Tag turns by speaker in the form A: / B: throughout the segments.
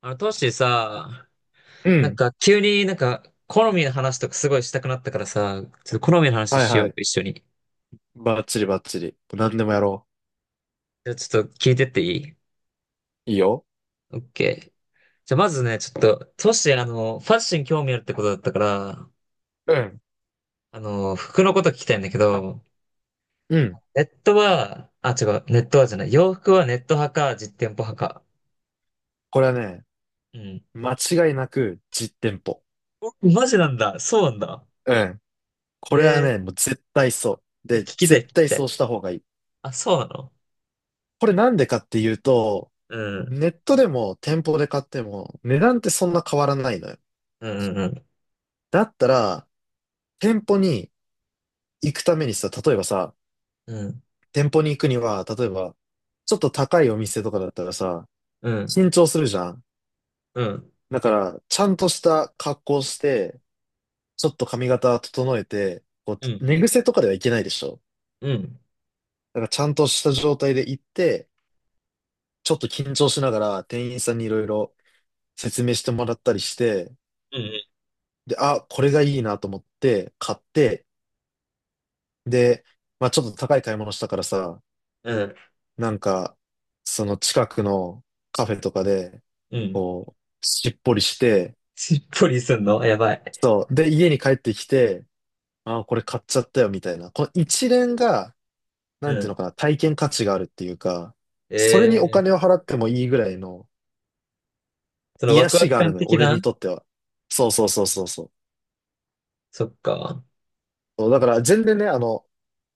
A: トッシーさ、
B: う
A: なん
B: ん。
A: か急になんか好みの話とかすごいしたくなったからさ、ちょっと好みの話
B: はい
A: しよう
B: は
A: よ、
B: い。
A: 一緒に。
B: バッチリバッチリ。何でもやろ
A: じゃあちょっと聞いてっていい？
B: う。いいよ。
A: オッケー。じゃあまずね、ちょっと、トッシーファッションに興味あるってことだったから、
B: うん。
A: 服のこと聞きたいんだけど、
B: うん。
A: ネットは、あ、違う、ネットはじゃない。洋服はネット派か、実店舗派か。
B: これはね、
A: うん。
B: 間違いなく実店舗。
A: おマジなんだ。そうなんだ。
B: うん。これは
A: へえ、
B: ね、もう絶対そう。
A: え聞
B: で、
A: きたい、聞
B: 絶
A: き
B: 対
A: た
B: そ
A: い。
B: うした方がいい。
A: あ、そうなの？
B: これなんでかっていうと、
A: うん。
B: ネットでも店舗で買っても値段ってそんな変わらないのよ。
A: うん、うん、
B: だったら、店舗に行くためにさ、例えばさ、
A: うん。
B: 店舗に行くには、例えば、ちょっと高いお店とかだったらさ、
A: うん、
B: 緊張するじゃん。
A: うん、
B: だから、ちゃんとした格好して、ちょっと髪型整えて、こ
A: うん。うん。
B: う、寝癖とかではいけないでしょ。
A: うん。
B: だからちゃんとした状態で行って、ちょっと緊張しながら店員さんにいろいろ説明してもらったりして、
A: うん
B: で、あ、これがいいなと思って買って、で、まあちょっと高い買い物したからさ、
A: うん、
B: なんか、その近くのカフェとかで、
A: うん、うん。
B: こう、しっぽりして、
A: しっぽりすんのやばい。
B: そう。で、家に帰ってきて、あ、これ買っちゃったよみたいな。この一連が、なん
A: う
B: ていう
A: ん。
B: のかな、体験価値があるっていうか、それにお
A: え
B: 金を
A: え、
B: 払ってもいいぐらいの
A: そのワ
B: 癒
A: クワ
B: し
A: ク
B: がある
A: 感
B: のよ、
A: 的
B: 俺に
A: な？
B: とっては。そうそうそうそうそう。
A: そっか。
B: そうだから全然ね、あの、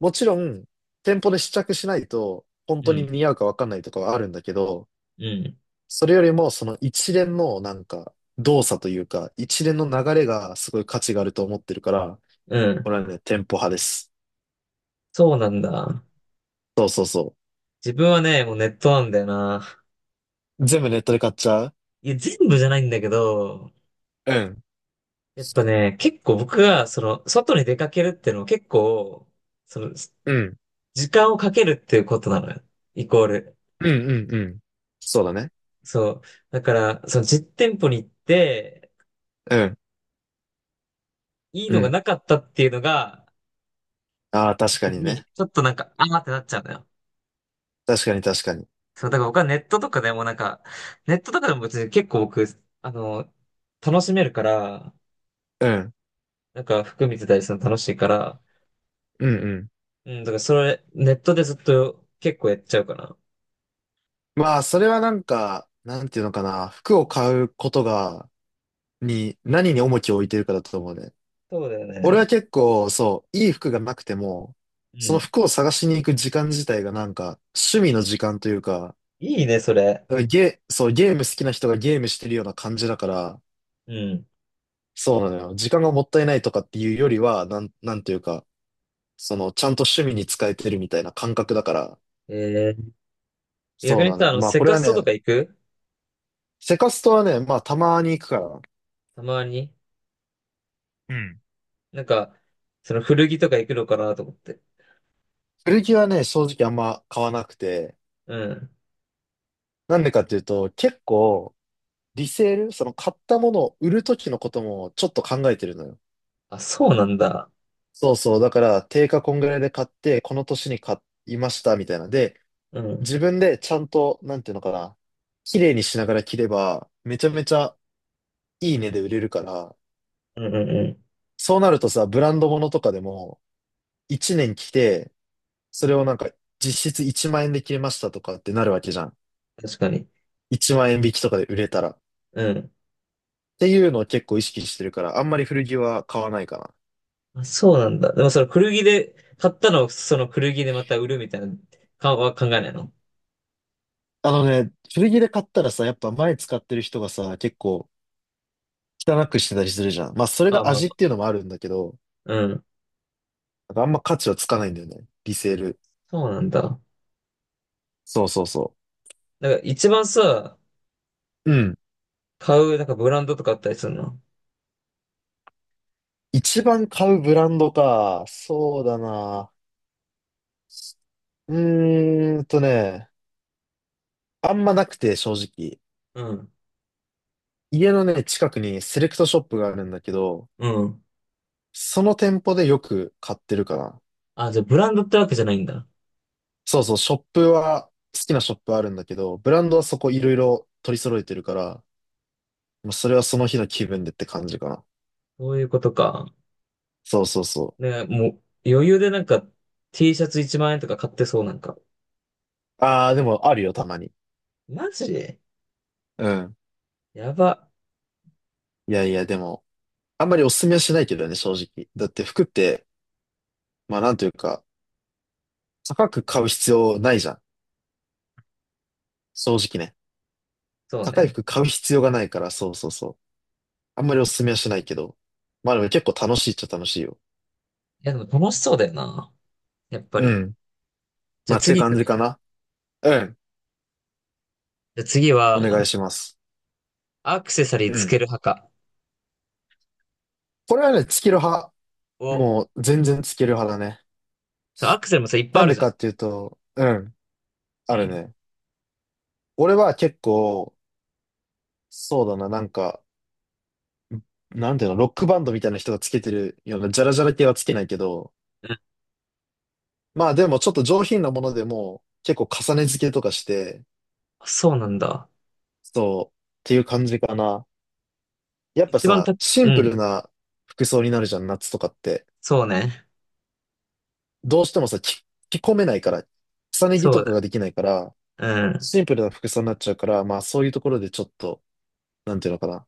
B: もちろん、店舗で試着しないと、本
A: う
B: 当に
A: ん、
B: 似合うかわかんないとかはあるんだけど、
A: うん、
B: それよりも、その一連のなんか、動作というか、一連の流れがすごい価値があると思ってるから、
A: うん。
B: 俺はね、店舗派です。
A: そうなんだ。
B: そうそうそ
A: 自分はね、もうネットなんだよな。
B: う。全部ネットで買っちゃう。
A: いや、全部じゃないんだけど、
B: うん。
A: やっぱね、結構僕が、その、外に出かけるっていうのは結構、その、
B: うん。
A: 時間をかけるっていうことなのよ。イコール。
B: うんうんうん。そうだね。
A: そう。だから、その実店舗に行って、
B: うん。
A: いい
B: う
A: のが
B: ん。
A: なかったっていうのが、
B: ああ、確か
A: 時
B: に
A: に、
B: ね。
A: ちょっとなんか、あーってなっちゃうのよ。
B: 確かに確かに。
A: そう、だから僕はネットとかでもなんか、ネットとかでも別に結構僕、あの、楽しめるから、
B: うん。
A: なんか服見てたりするの楽しいから、
B: うんうん。
A: うん、だからそれ、ネットでずっと結構やっちゃうかな。
B: まあ、それはなんか、なんていうのかな。服を買うことが、に、何に重きを置いてるかだと思うね。
A: そうだよ
B: 俺は
A: ね。
B: 結構、そう、いい服がなくても、
A: う
B: その
A: ん。
B: 服を探しに行く時間自体がなんか、趣味の時間というか、
A: いいね、それ。
B: だからそう、ゲーム好きな人がゲームしてるような感じだから、
A: うん。
B: そうなのよ。時間がもったいないとかっていうよりは、なんていうか、その、ちゃんと趣味に使えてるみたいな感覚だから、
A: えー、逆
B: そう
A: に
B: なの
A: さ、
B: よ。まあ、
A: セ
B: これ
A: カ
B: は
A: ストと
B: ね、
A: か行く？
B: セカストはね、まあたまに行くから。
A: たまに。
B: うん。
A: なんか、その古着とか行くのかなと思って。
B: 古着はね、正直あんま買わなくて。
A: うん。
B: なんでかっていうと、結構、リセール、その買ったものを売るときのこともちょっと考えてるのよ。
A: あ、そうなんだ。
B: そうそう。だから、定価こんぐらいで買って、この年に買いました、みたいな。で、
A: うん。
B: 自分でちゃんと、なんていうのかな。綺麗にしながら着れば、めちゃめちゃいい値で売れるから、
A: うんうんうん。
B: そうなるとさ、ブランド物とかでも、1年着て、それをなんか、実質1万円で着れましたとかってなるわけじゃん。
A: 確かに。
B: 1万円引きとかで売れたら。っ
A: うん。
B: ていうのを結構意識してるから、あんまり古着は買わないかな。
A: あ、そうなんだ。でもその古着で、買ったのをその古着でまた売るみたいな、は考えないの？
B: あのね、古着で買ったらさ、やっぱ前使ってる人がさ、結構汚くしてたりするじゃん。まあそれ
A: まあ
B: が
A: ま
B: 味っ
A: あ、
B: ていうのもあるんだけど、
A: うん。
B: なんかあんま価値はつかないんだよね。リセール。
A: そうなんだ。
B: そうそうそ
A: なんか一番さ、
B: う。うん。
A: 買う、なんかブランドとかあったりするの？
B: 一番買うブランドか。そうだな。うーんとね、あんまなくて正直。
A: うん。
B: 家のね、近くにセレクトショップがあるんだけど、
A: うん。
B: その店舗でよく買ってるかな。
A: あ、じゃあブランドってわけじゃないんだ。
B: そうそう、ショップは、好きなショップあるんだけど、ブランドはそこいろいろ取り揃えてるから、まあそれはその日の気分でって感じかな。
A: そういうことか。
B: そうそうそ
A: ね、もう余裕でなんか T シャツ1万円とか買ってそうなんか。
B: う。ああ、でもあるよ、たまに。
A: マジ
B: うん。
A: やば。
B: いやいや、でも、あんまりおすすめはしないけどね、正直。だって服って、まあなんというか、高く買う必要ないじゃん。正直ね。
A: そう
B: 高い
A: ね。
B: 服買う必要がないから、そうそうそう。あんまりおすすめはしないけど。まあでも結構楽しいっちゃ楽しいよ。
A: いやでも楽しそうだよな。やっぱ
B: う
A: り。
B: ん。
A: じゃ
B: ま
A: あ
B: あって
A: 次行
B: 感
A: く
B: じ
A: ね。
B: かな。うん。
A: じゃあ次
B: お
A: は、
B: 願いします。
A: アクセサリー
B: う
A: つ
B: ん。
A: ける派か。
B: これはね、月ロ派。
A: を
B: もう全然つける派だね。
A: そう、アクセルもさ、いっぱい
B: な
A: あ
B: ん
A: る
B: で
A: じゃん。
B: かっていうと、うん、
A: う
B: ある
A: ん。
B: ね。俺は結構、そうだな、なんか、なんていうの、ロックバンドみたいな人がつけてるような、ジャラジャラ系はつけないけど、
A: うん、
B: まあでもちょっと上品なものでも、結構重ね付けとかして、
A: そうなんだ。
B: そう、っていう感じかな。やっぱ
A: 一番、
B: さ、シ
A: う
B: ンプ
A: ん。
B: ルな服装になるじゃん、夏とかって。
A: そうね。
B: どうしてもさ、着込めないから、重ね着
A: そ
B: と
A: うだ。
B: かができないから、
A: うん。
B: シンプルな服装になっちゃうから、まあそういうところでちょっと、なんていうのかな。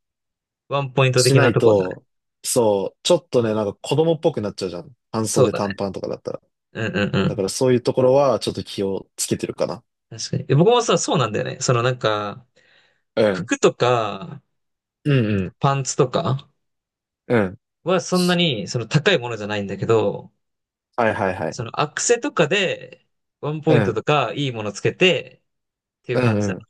A: ワンポイント
B: し
A: 的
B: な
A: な
B: い
A: とこだね。
B: と、そう、ちょっとね、なんか子供っぽくなっちゃうじゃん。半
A: そう
B: 袖
A: だね。
B: 短パンとかだったら。
A: うんうんう
B: だか
A: ん。
B: らそういうところはちょっと気をつけてるかな。
A: 確かに。え僕もさ、そうなんだよね。そのなんか、
B: うん。
A: 服とか、
B: うんうん。
A: パンツとか
B: うん。
A: はそんなに、その高いものじゃないんだけど、
B: はいはいはい。
A: そのアクセとかで、ワン
B: う
A: ポイントと
B: ん。
A: か、いいものつけて、っていう
B: う
A: 感じ
B: ん
A: だ。
B: うん。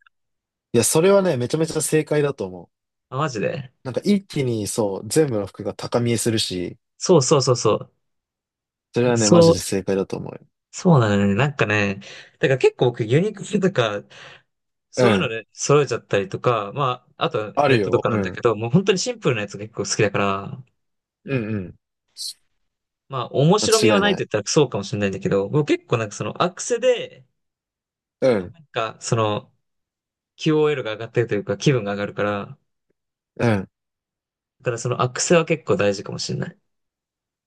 B: いや、それはね、めちゃめちゃ正解だと思う。
A: あ、マジで。
B: なんか一気にそう、全部の服が高見えするし、
A: そうそうそうそ
B: それ
A: う。
B: はね、マ
A: そ
B: ジで
A: う、
B: 正解だと思うよ。
A: そうなのよね。なんかね、だから結構僕ユニクロとか
B: う
A: そういうの
B: ん。
A: で揃えちゃったりとか、まあ、あとは
B: あ
A: ネ
B: る
A: ットと
B: よ。
A: か
B: う
A: なんだけ
B: ん。
A: ど、もう本当にシンプルなやつが結構好きだから、
B: うんうん。
A: まあ、面白み
B: 間
A: は
B: 違い
A: ないと
B: な
A: 言
B: い。
A: ったらそうかもしれないんだけど、僕結構なんかそのアクセで、
B: うん。
A: なんかその QOL が上がってるというか気分が上がるから、
B: うん。
A: だからそのアクセは結構大事かもしれない。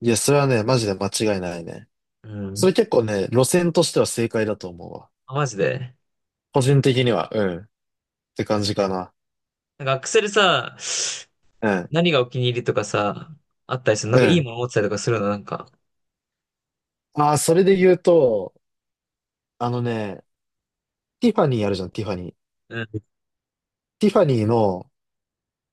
B: いや、それはね、マジで間違いないね。
A: う
B: それ
A: ん。
B: 結構ね、路線としては正解だと思うわ。
A: あマジで。
B: 個人的には、うん。って感じかな。
A: なんかアクセでさ、
B: うん。
A: 何がお気に入りとかさ、あったりする。なん
B: う
A: かいい
B: ん。
A: もの持ってたりとかするの、なんか。
B: ああ、それで言うと、あのね、ティファニーあるじゃん、ティファニー。
A: うん。
B: ティファニーの、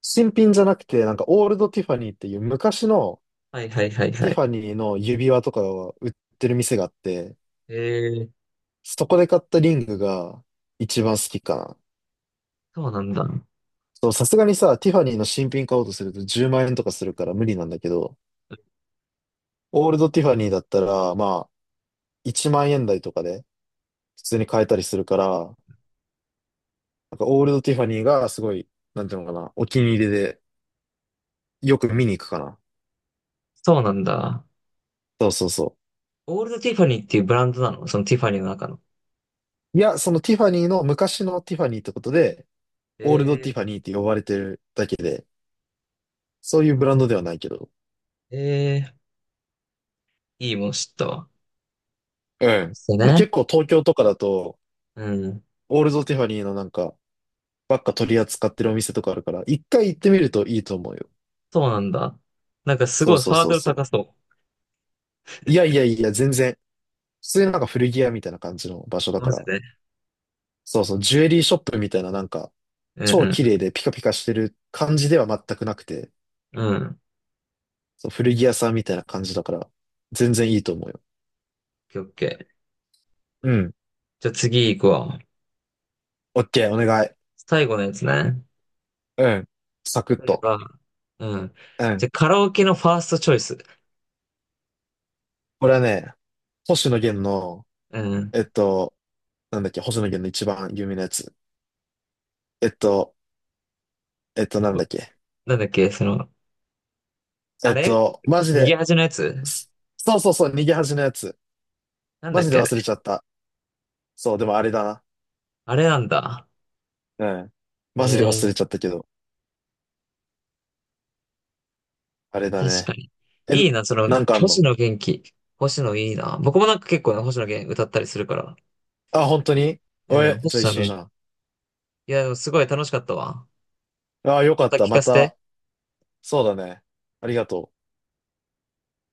B: 新品じゃなくて、なんかオールドティファニーっていう昔の
A: はいはいはいは
B: ティフ
A: い。
B: ァニーの指輪とかを売ってる店があって、
A: へえー、
B: そこで買ったリングが一番好きかな。
A: そうなんだ。
B: そう、さすがにさ、ティファニーの新品買おうとすると10万円とかするから無理なんだけど、オールドティファニーだったら、まあ、1万円台とかで普通に買えたりするから、なんかオールドティファニーがすごい、なんていうのかな、お気に入りでよく見に行くかな。
A: そうなんだ。
B: そうそうそ
A: オールドティファニーっていうブランドなの、そのティファニーの中の？
B: う。いや、そのティファニーの昔のティファニーってことで、オールドティ
A: え
B: ファニーって呼ばれてるだけで、そういうブランドではないけど。
A: ー、えいいもの知ったわ。
B: う
A: あ、そう
B: ん。結
A: ね。
B: 構東京とかだと、
A: うん。
B: オールドティファニーのなんか、ばっか取り扱ってるお店とかあるから、一回行ってみるといいと思うよ。
A: そうなんだ。なんかす
B: そ
A: ご
B: う
A: い
B: そう
A: ハー
B: そう
A: ドル
B: そ
A: 高そ
B: う。いやいやいや、全然。普通になんか古着屋みたいな感じの場所だ
A: う。
B: か
A: マジ
B: ら、
A: で。
B: そうそう、ジュエリーショップみたいななんか、
A: う
B: 超
A: ん
B: 綺麗でピカピカしてる感じでは全くなくて、
A: うん。うん。オッ
B: そう、古着屋さんみたいな感じだから、全然いいと思うよ。
A: ケーオッケー。
B: うん。
A: じゃあ次行くわ。
B: オッケー、お願い。
A: 最後のやつね。
B: うん。サクッ
A: 例え
B: と。
A: ば、うん。
B: う
A: じゃ
B: ん。
A: あカラオケのファーストチョイス。
B: これはね、星野
A: な
B: 源
A: ん
B: の、
A: うん。
B: えっと、なんだっけ、星野源の一番有名なやつ。えっと、なん
A: こ
B: だっけ。
A: なんだっけ、その、あれ？
B: マジ
A: 逃
B: で、
A: げ恥のやつ？
B: すそうそうそう、逃げ恥のやつ。
A: なんだ
B: マ
A: っ
B: ジで
A: けあれ？
B: 忘れちゃった。そう、でもあれだ
A: あれなんだ。
B: な。うん。
A: え
B: マジで忘
A: ー
B: れちゃったけど、あれだ
A: 確か
B: ね。
A: に。
B: え、
A: いいな、その、
B: なんかあん
A: 星
B: の？
A: 野元気。星野いいな。僕もなんか結構ね、星野源歌ったりするから。
B: あ、本当に？
A: うん、
B: え、じゃあ
A: 星
B: 一
A: 野
B: 緒じ
A: 源。
B: ゃん。
A: いや、でもすごい楽しかったわ。
B: ああ、よか
A: ま
B: っ
A: た
B: た。
A: 聞
B: ま
A: かせて。
B: た。そうだね。ありがとう。